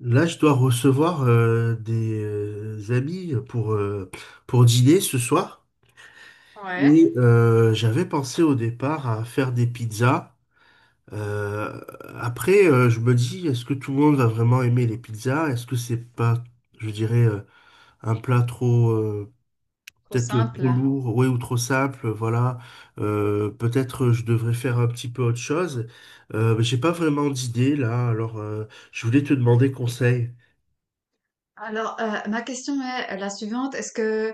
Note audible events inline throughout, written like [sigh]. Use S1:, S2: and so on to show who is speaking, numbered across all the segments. S1: Là, je dois recevoir des amis pour dîner ce soir.
S2: Ouais,
S1: Et j'avais pensé au départ à faire des pizzas. Euh, je me dis, est-ce que tout le monde va vraiment aimer les pizzas? Est-ce que c'est pas, je dirais, un plat trop,
S2: trop
S1: peut-être trop
S2: simple.
S1: lourd, ouais, ou trop simple, voilà. Peut-être je devrais faire un petit peu autre chose. Mais j'ai pas vraiment d'idée là, alors je voulais te demander conseil.
S2: Alors, ma question est la suivante. Est-ce que,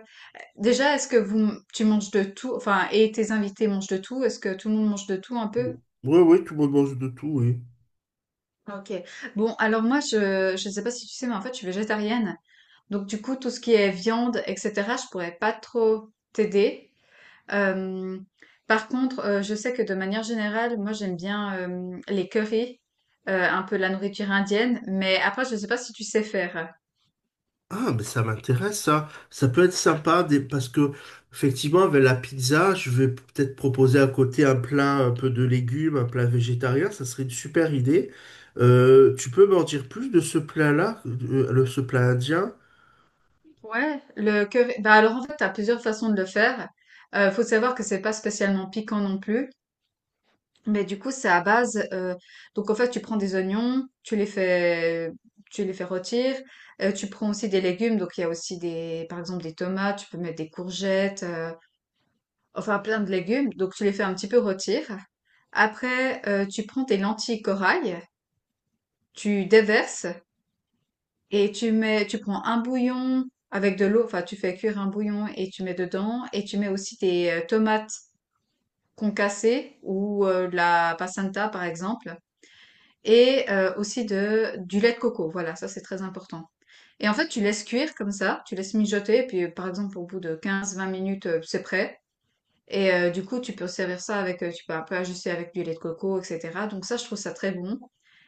S2: déjà, est-ce que vous, tu manges de tout, enfin, et tes invités mangent de tout? Est-ce que tout le monde mange de tout un peu?
S1: Oui, oui, tout le monde mange de tout, oui.
S2: Ok. Bon, alors moi, je sais pas si tu sais, mais en fait, je suis végétarienne. Donc, du coup, tout ce qui est viande, etc., je pourrais pas trop t'aider. Euh, Par contre, je sais que de manière générale, moi, j'aime bien les currys, un peu la nourriture indienne, mais après, je sais pas si tu sais faire.
S1: Ah, mais ça m'intéresse, ça. Ça peut être sympa parce que, effectivement, avec la pizza, je vais peut-être proposer à côté un plat un peu de légumes, un plat végétarien. Ça serait une super idée. Tu peux m'en dire plus de ce plat-là, ce plat indien?
S2: Ouais, le que bah alors en fait, t'as plusieurs façons de le faire. Faut savoir que c'est pas spécialement piquant non plus, mais du coup, c'est à base. Donc en fait, tu prends des oignons, tu les fais rôtir. Tu prends aussi des légumes, donc il y a aussi des, par exemple des tomates, tu peux mettre des courgettes, enfin plein de légumes. Donc tu les fais un petit peu rôtir. Après, tu prends tes lentilles corail, tu déverses. Et tu mets, tu prends un bouillon avec de l'eau, enfin tu fais cuire un bouillon et tu mets dedans, et tu mets aussi tes tomates concassées ou de la passata par exemple, et aussi de, du lait de coco, voilà, ça c'est très important. Et en fait tu laisses cuire comme ça, tu laisses mijoter, et puis par exemple au bout de 15 20 minutes c'est prêt. Et du coup tu peux servir ça avec, tu peux un peu ajuster avec du lait de coco, etc. Donc ça je trouve ça très bon.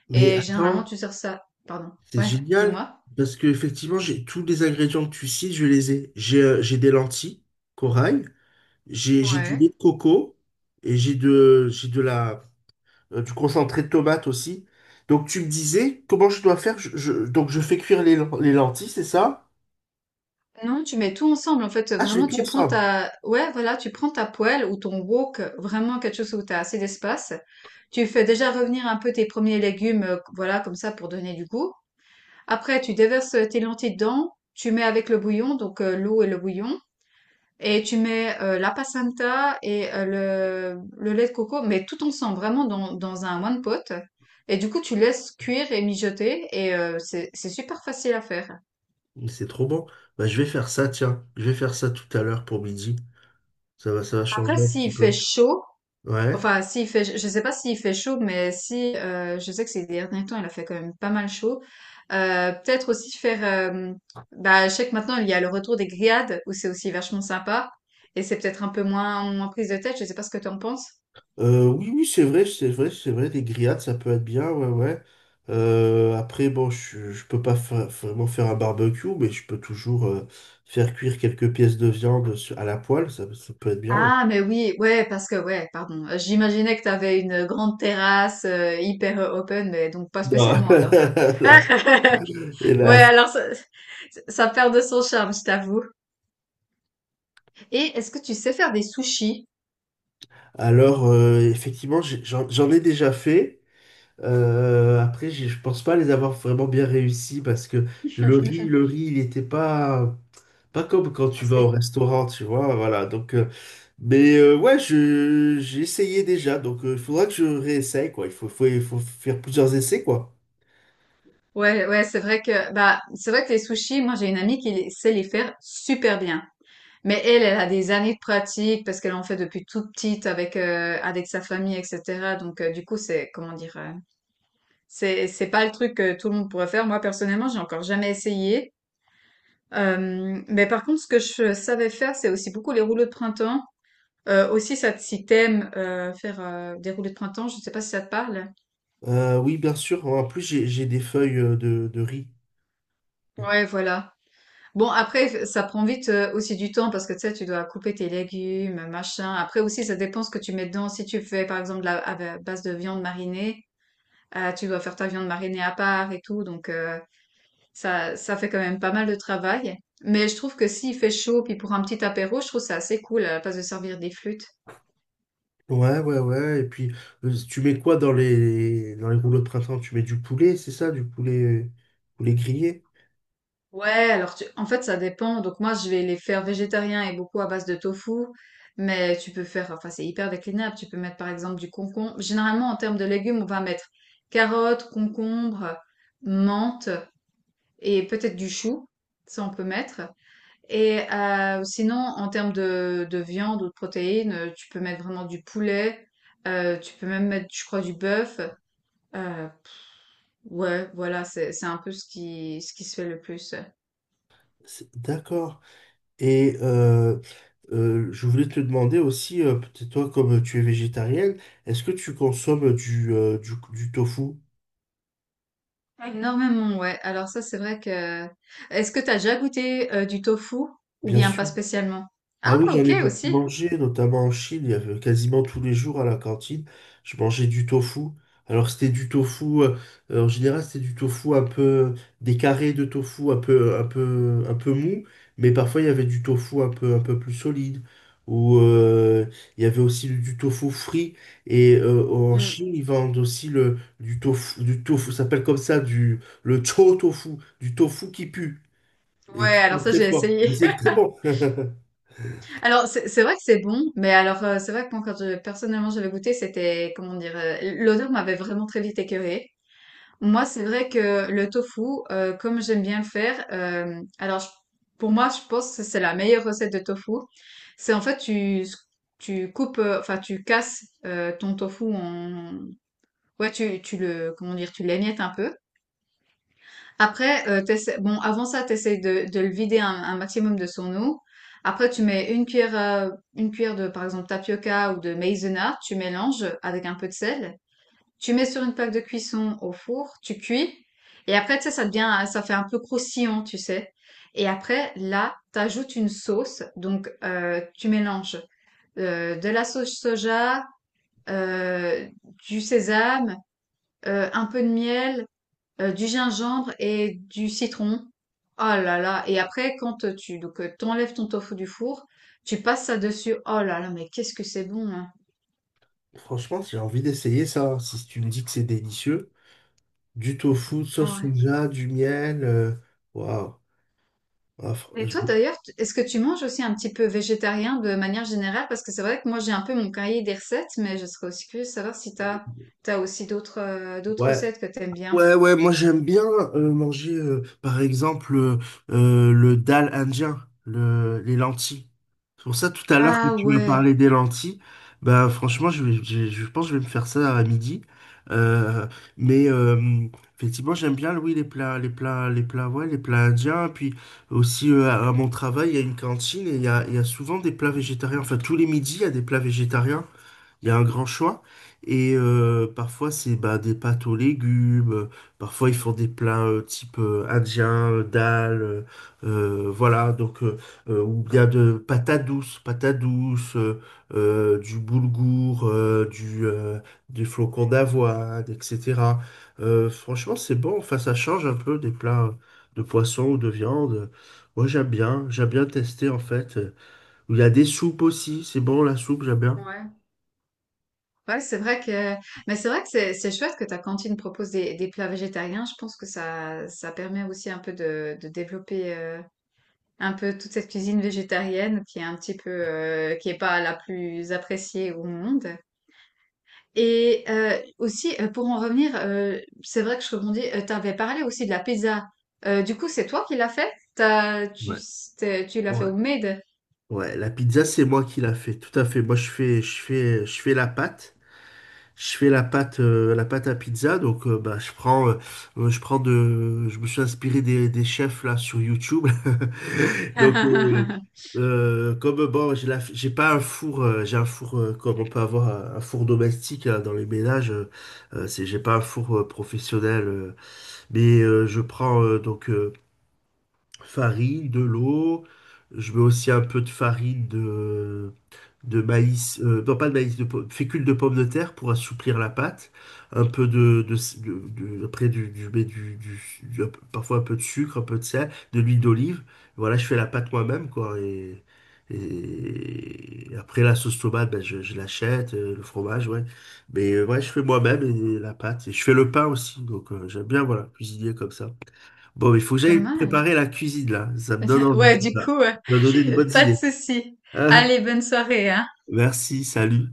S1: Mais
S2: Et généralement
S1: attends,
S2: tu sers ça, pardon,
S1: c'est
S2: ouais,
S1: génial
S2: dis-moi.
S1: parce que, effectivement, j'ai tous les ingrédients que tu cites, je les ai. J'ai des lentilles, corail, j'ai du
S2: Ouais.
S1: lait de coco et j'ai de la. Du concentré de tomate aussi. Donc tu me disais comment je dois faire. Donc je fais cuire les lentilles, c'est ça?
S2: Non, tu mets tout ensemble. En fait,
S1: Ah, je vais
S2: vraiment,
S1: tout
S2: tu prends
S1: ensemble.
S2: ta, ouais, voilà, tu prends ta poêle ou ton wok, vraiment quelque chose où tu as assez d'espace. Tu fais déjà revenir un peu tes premiers légumes, voilà, comme ça, pour donner du goût. Après, tu déverses tes lentilles dedans. Tu mets avec le bouillon, donc l'eau et le bouillon. Et tu mets la passata et le lait de coco, mais tout ensemble, vraiment dans, dans un one pot. Et du coup, tu laisses cuire et mijoter. Et c'est super facile à faire.
S1: Mais c'est trop bon. Bah, je vais faire ça, tiens. Je vais faire ça tout à l'heure pour midi. Ça va
S2: Après,
S1: changer un
S2: s'il
S1: petit
S2: fait
S1: peu.
S2: chaud,
S1: Ouais.
S2: enfin, s'il fait, je sais pas s'il fait chaud, mais si, je sais que ces derniers temps, il a fait quand même pas mal chaud. Peut-être aussi faire, euh, bah, je sais que maintenant, il y a le retour des grillades, où c'est aussi vachement sympa. Et c'est peut-être un peu moins, moins prise de tête, je sais pas ce que tu en penses.
S1: Oui, oui, c'est vrai, c'est vrai, c'est vrai. Des grillades, ça peut être bien, ouais, ouais. Après, bon, je peux pas vraiment faire un barbecue, mais je peux toujours faire cuire quelques pièces de viande à la poêle. Ça peut être bien, ouais.
S2: Ah, mais oui, ouais, parce que, ouais, pardon. J'imaginais que t'avais une grande terrasse, hyper open, mais donc pas
S1: Non.
S2: spécialement, alors.
S1: [laughs] Non.
S2: [laughs]
S1: Et
S2: Ouais,
S1: là,
S2: alors ça perd de son charme, je t'avoue. Et est-ce que tu sais faire des sushis?
S1: alors, effectivement, j'en ai déjà fait. Après, je pense pas les avoir vraiment bien réussi parce que
S2: [laughs]
S1: le riz, il était pas, pas comme quand tu vas au
S2: C'est
S1: restaurant, tu vois. Voilà. Mais ouais, j'ai essayé déjà. Donc, il faudra que je réessaye, quoi. Il faut faire plusieurs essais, quoi.
S2: ouais, ouais, c'est vrai que bah c'est vrai que les sushis, moi j'ai une amie qui les- sait les faire super bien. Mais elle, elle a des années de pratique parce qu'elle en fait depuis toute petite avec avec sa famille, etc. Donc du coup c'est comment dire, c'est pas le truc que tout le monde pourrait faire. Moi personnellement, j'ai encore jamais essayé. Mais par contre, ce que je savais faire, c'est aussi beaucoup les rouleaux de printemps. Aussi, ça, te- si t'aimes faire des rouleaux de printemps, je sais pas si ça te parle.
S1: Oui, bien sûr. En plus, j'ai des feuilles de riz.
S2: Ouais, voilà. Bon, après, ça prend vite aussi du temps parce que tu sais, tu dois couper tes légumes, machin. Après aussi, ça dépend ce que tu mets dedans. Si tu fais, par exemple, de la, à ba- base de viande marinée, tu dois faire ta viande marinée à part et tout. Donc, ça, ça fait quand même pas mal de travail. Mais je trouve que s'il fait chaud, puis pour un petit apéro, je trouve ça assez cool à la place de servir des flûtes.
S1: Ouais, ouais, ouais. Et puis, tu mets quoi dans dans les rouleaux de printemps? Tu mets du poulet, c'est ça? Poulet grillé?
S2: Ouais, alors tu... en fait, ça dépend. Donc moi, je vais les faire végétariens et beaucoup à base de tofu. Mais tu peux faire, enfin, c'est hyper déclinable. Tu peux mettre par exemple du concombre. Généralement, en termes de légumes, on va mettre carottes, concombre, menthe et peut-être du chou. Ça, on peut mettre. Et sinon, en termes de viande ou de protéines, tu peux mettre vraiment du poulet. Tu peux même mettre, je crois, du bœuf. Euh, ouais, voilà, c'est un peu ce qui se fait le plus.
S1: D'accord. Et je voulais te demander aussi, peut-être toi, comme tu es végétarienne, est-ce que tu consommes du tofu?
S2: Énormément, ouais. Alors ça, c'est vrai que... Est-ce que t'as déjà goûté du tofu ou
S1: Bien
S2: bien pas
S1: sûr.
S2: spécialement?
S1: Ah
S2: Ah,
S1: oui, j'en
S2: ok,
S1: ai beaucoup
S2: aussi.
S1: mangé, notamment en Chine. Il y avait quasiment tous les jours à la cantine, je mangeais du tofu. Alors c'était du tofu, en général c'était du tofu un peu, des carrés de tofu un peu, un peu mou, mais parfois il y avait du tofu un peu plus solide. Ou il y avait aussi du tofu frit. Et en
S2: Mm.
S1: Chine, ils vendent aussi du tofu, ça s'appelle comme ça, du, le chou tofu, du tofu qui pue et
S2: Ouais,
S1: qui
S2: alors
S1: est
S2: ça,
S1: très
S2: j'ai
S1: fort. Mais
S2: essayé.
S1: c'est très bon. [laughs]
S2: [laughs] Alors, c'est vrai que c'est bon, mais alors, c'est vrai que moi, quand je- personnellement, j'avais goûté, c'était, comment dire, l'odeur m'avait vraiment très vite écœurée. Moi, c'est vrai que le tofu, comme j'aime bien le faire, alors, je- pour moi, je pense que c'est la meilleure recette de tofu. C'est en fait, tu coupes, enfin, tu casses ton tofu en, ouais, tu le, comment dire, tu l'émiettes un peu. Après, t'essaies- bon, avant ça, t'essayes de le vider un maximum de son eau. Après, tu mets une cuillère de, par exemple, tapioca ou de maïzena, tu mélanges avec un peu de sel. Tu mets sur une plaque de cuisson au four, tu cuis. Et après, tu sais, ça devient, ça fait un peu croustillant, tu sais. Et après, là, t'ajoutes une sauce. Donc, tu mélanges de la sauce soja, euh, du sésame, un peu de miel du gingembre et du citron. Oh là là. Et après, quand tu donc, t'enlèves ton tofu du four, tu passes ça dessus. Oh là là, mais qu'est-ce que c'est bon, hein.
S1: Franchement, j'ai envie d'essayer ça, hein. Si tu me dis que c'est délicieux, du tofu, sauce
S2: Ouais.
S1: soja, du miel, waouh. Ah, fr-
S2: Et toi
S1: je-
S2: d'ailleurs, t- est-ce que tu manges aussi un petit peu végétarien de manière générale? Parce que c'est vrai que moi j'ai un peu mon cahier des recettes, mais je serais aussi curieuse de savoir si t'as aussi d'autres d'autres
S1: Ouais,
S2: recettes que t'aimes bien.
S1: ouais, ouais, moi j'aime bien manger par exemple le dal indien, les lentilles. C'est pour ça tout à l'heure quand
S2: Ah
S1: tu m'as
S2: ouais.
S1: parlé des lentilles, bah franchement je pense que je vais me faire ça à midi. Euh, mais effectivement j'aime bien oui les plats, ouais, les plats indiens. Puis aussi à mon travail il y a une cantine et il y a souvent des plats végétariens. Enfin tous les midis il y a des plats végétariens. Il y a un grand choix. Et parfois, c'est bah, des pâtes aux légumes. Parfois, ils font des plats type indien, dal. Voilà. Donc, ou bien de patates douces, du boulgour, du flocon d'avoine, etc. Franchement, c'est bon. Enfin, ça change un peu des plats de poisson ou de viande. Moi, j'aime bien. J'aime bien tester, en fait. Il y a des soupes aussi. C'est bon, la soupe, j'aime bien.
S2: Ouais. Ouais, c'est vrai que, mais c'est vrai que c'est chouette que ta cantine propose des plats végétariens. Je pense que ça permet aussi un peu de développer un peu toute cette cuisine végétarienne qui est un petit peu, qui est pas la plus appréciée au monde. Et aussi, pour en revenir, c'est vrai que je rebondis, t'avais parlé aussi de la pizza. Du coup, c'est toi qui l'as fait? T'as, tu,
S1: Ouais.
S2: t'es- tu l'as fait
S1: Ouais.
S2: au made?
S1: Ouais, la pizza, c'est moi qui la fais, tout à fait. Moi, je fais la pâte. Je fais la pâte à pizza. Donc, bah, je prends de, je me suis inspiré des chefs là sur YouTube. [laughs] Donc,
S2: [laughs]
S1: comme bon, j'ai pas un four, j'ai un four comme on peut avoir un four domestique hein, dans les ménages. C'est, j'ai pas un four professionnel, mais je prends farine, de l'eau. Je mets aussi un peu de farine de maïs, non pas de maïs, de fécule de pomme de terre pour assouplir la pâte, un peu de- de- après du, mais du- un peu- parfois un peu de sucre, un peu de sel, de l'huile d'olive. Voilà, je fais la pâte moi-même, quoi. Et après la sauce tomate, ben, je l'achète, le fromage, ouais. Mais ouais, je fais moi-même et la pâte. Et je fais le pain aussi, donc j'aime bien, voilà, cuisiner comme ça. Bon, il faut que
S2: Pas
S1: j'aille
S2: mal.
S1: préparer la cuisine, là. Ça me donne
S2: [laughs]
S1: envie,
S2: Ouais,
S1: tout
S2: du
S1: ça. Ça
S2: coup, euh,
S1: m'a donné de
S2: [laughs]
S1: bonnes
S2: pas de
S1: idées.
S2: souci. Allez, bonne soirée, hein.
S1: [laughs] Merci, salut.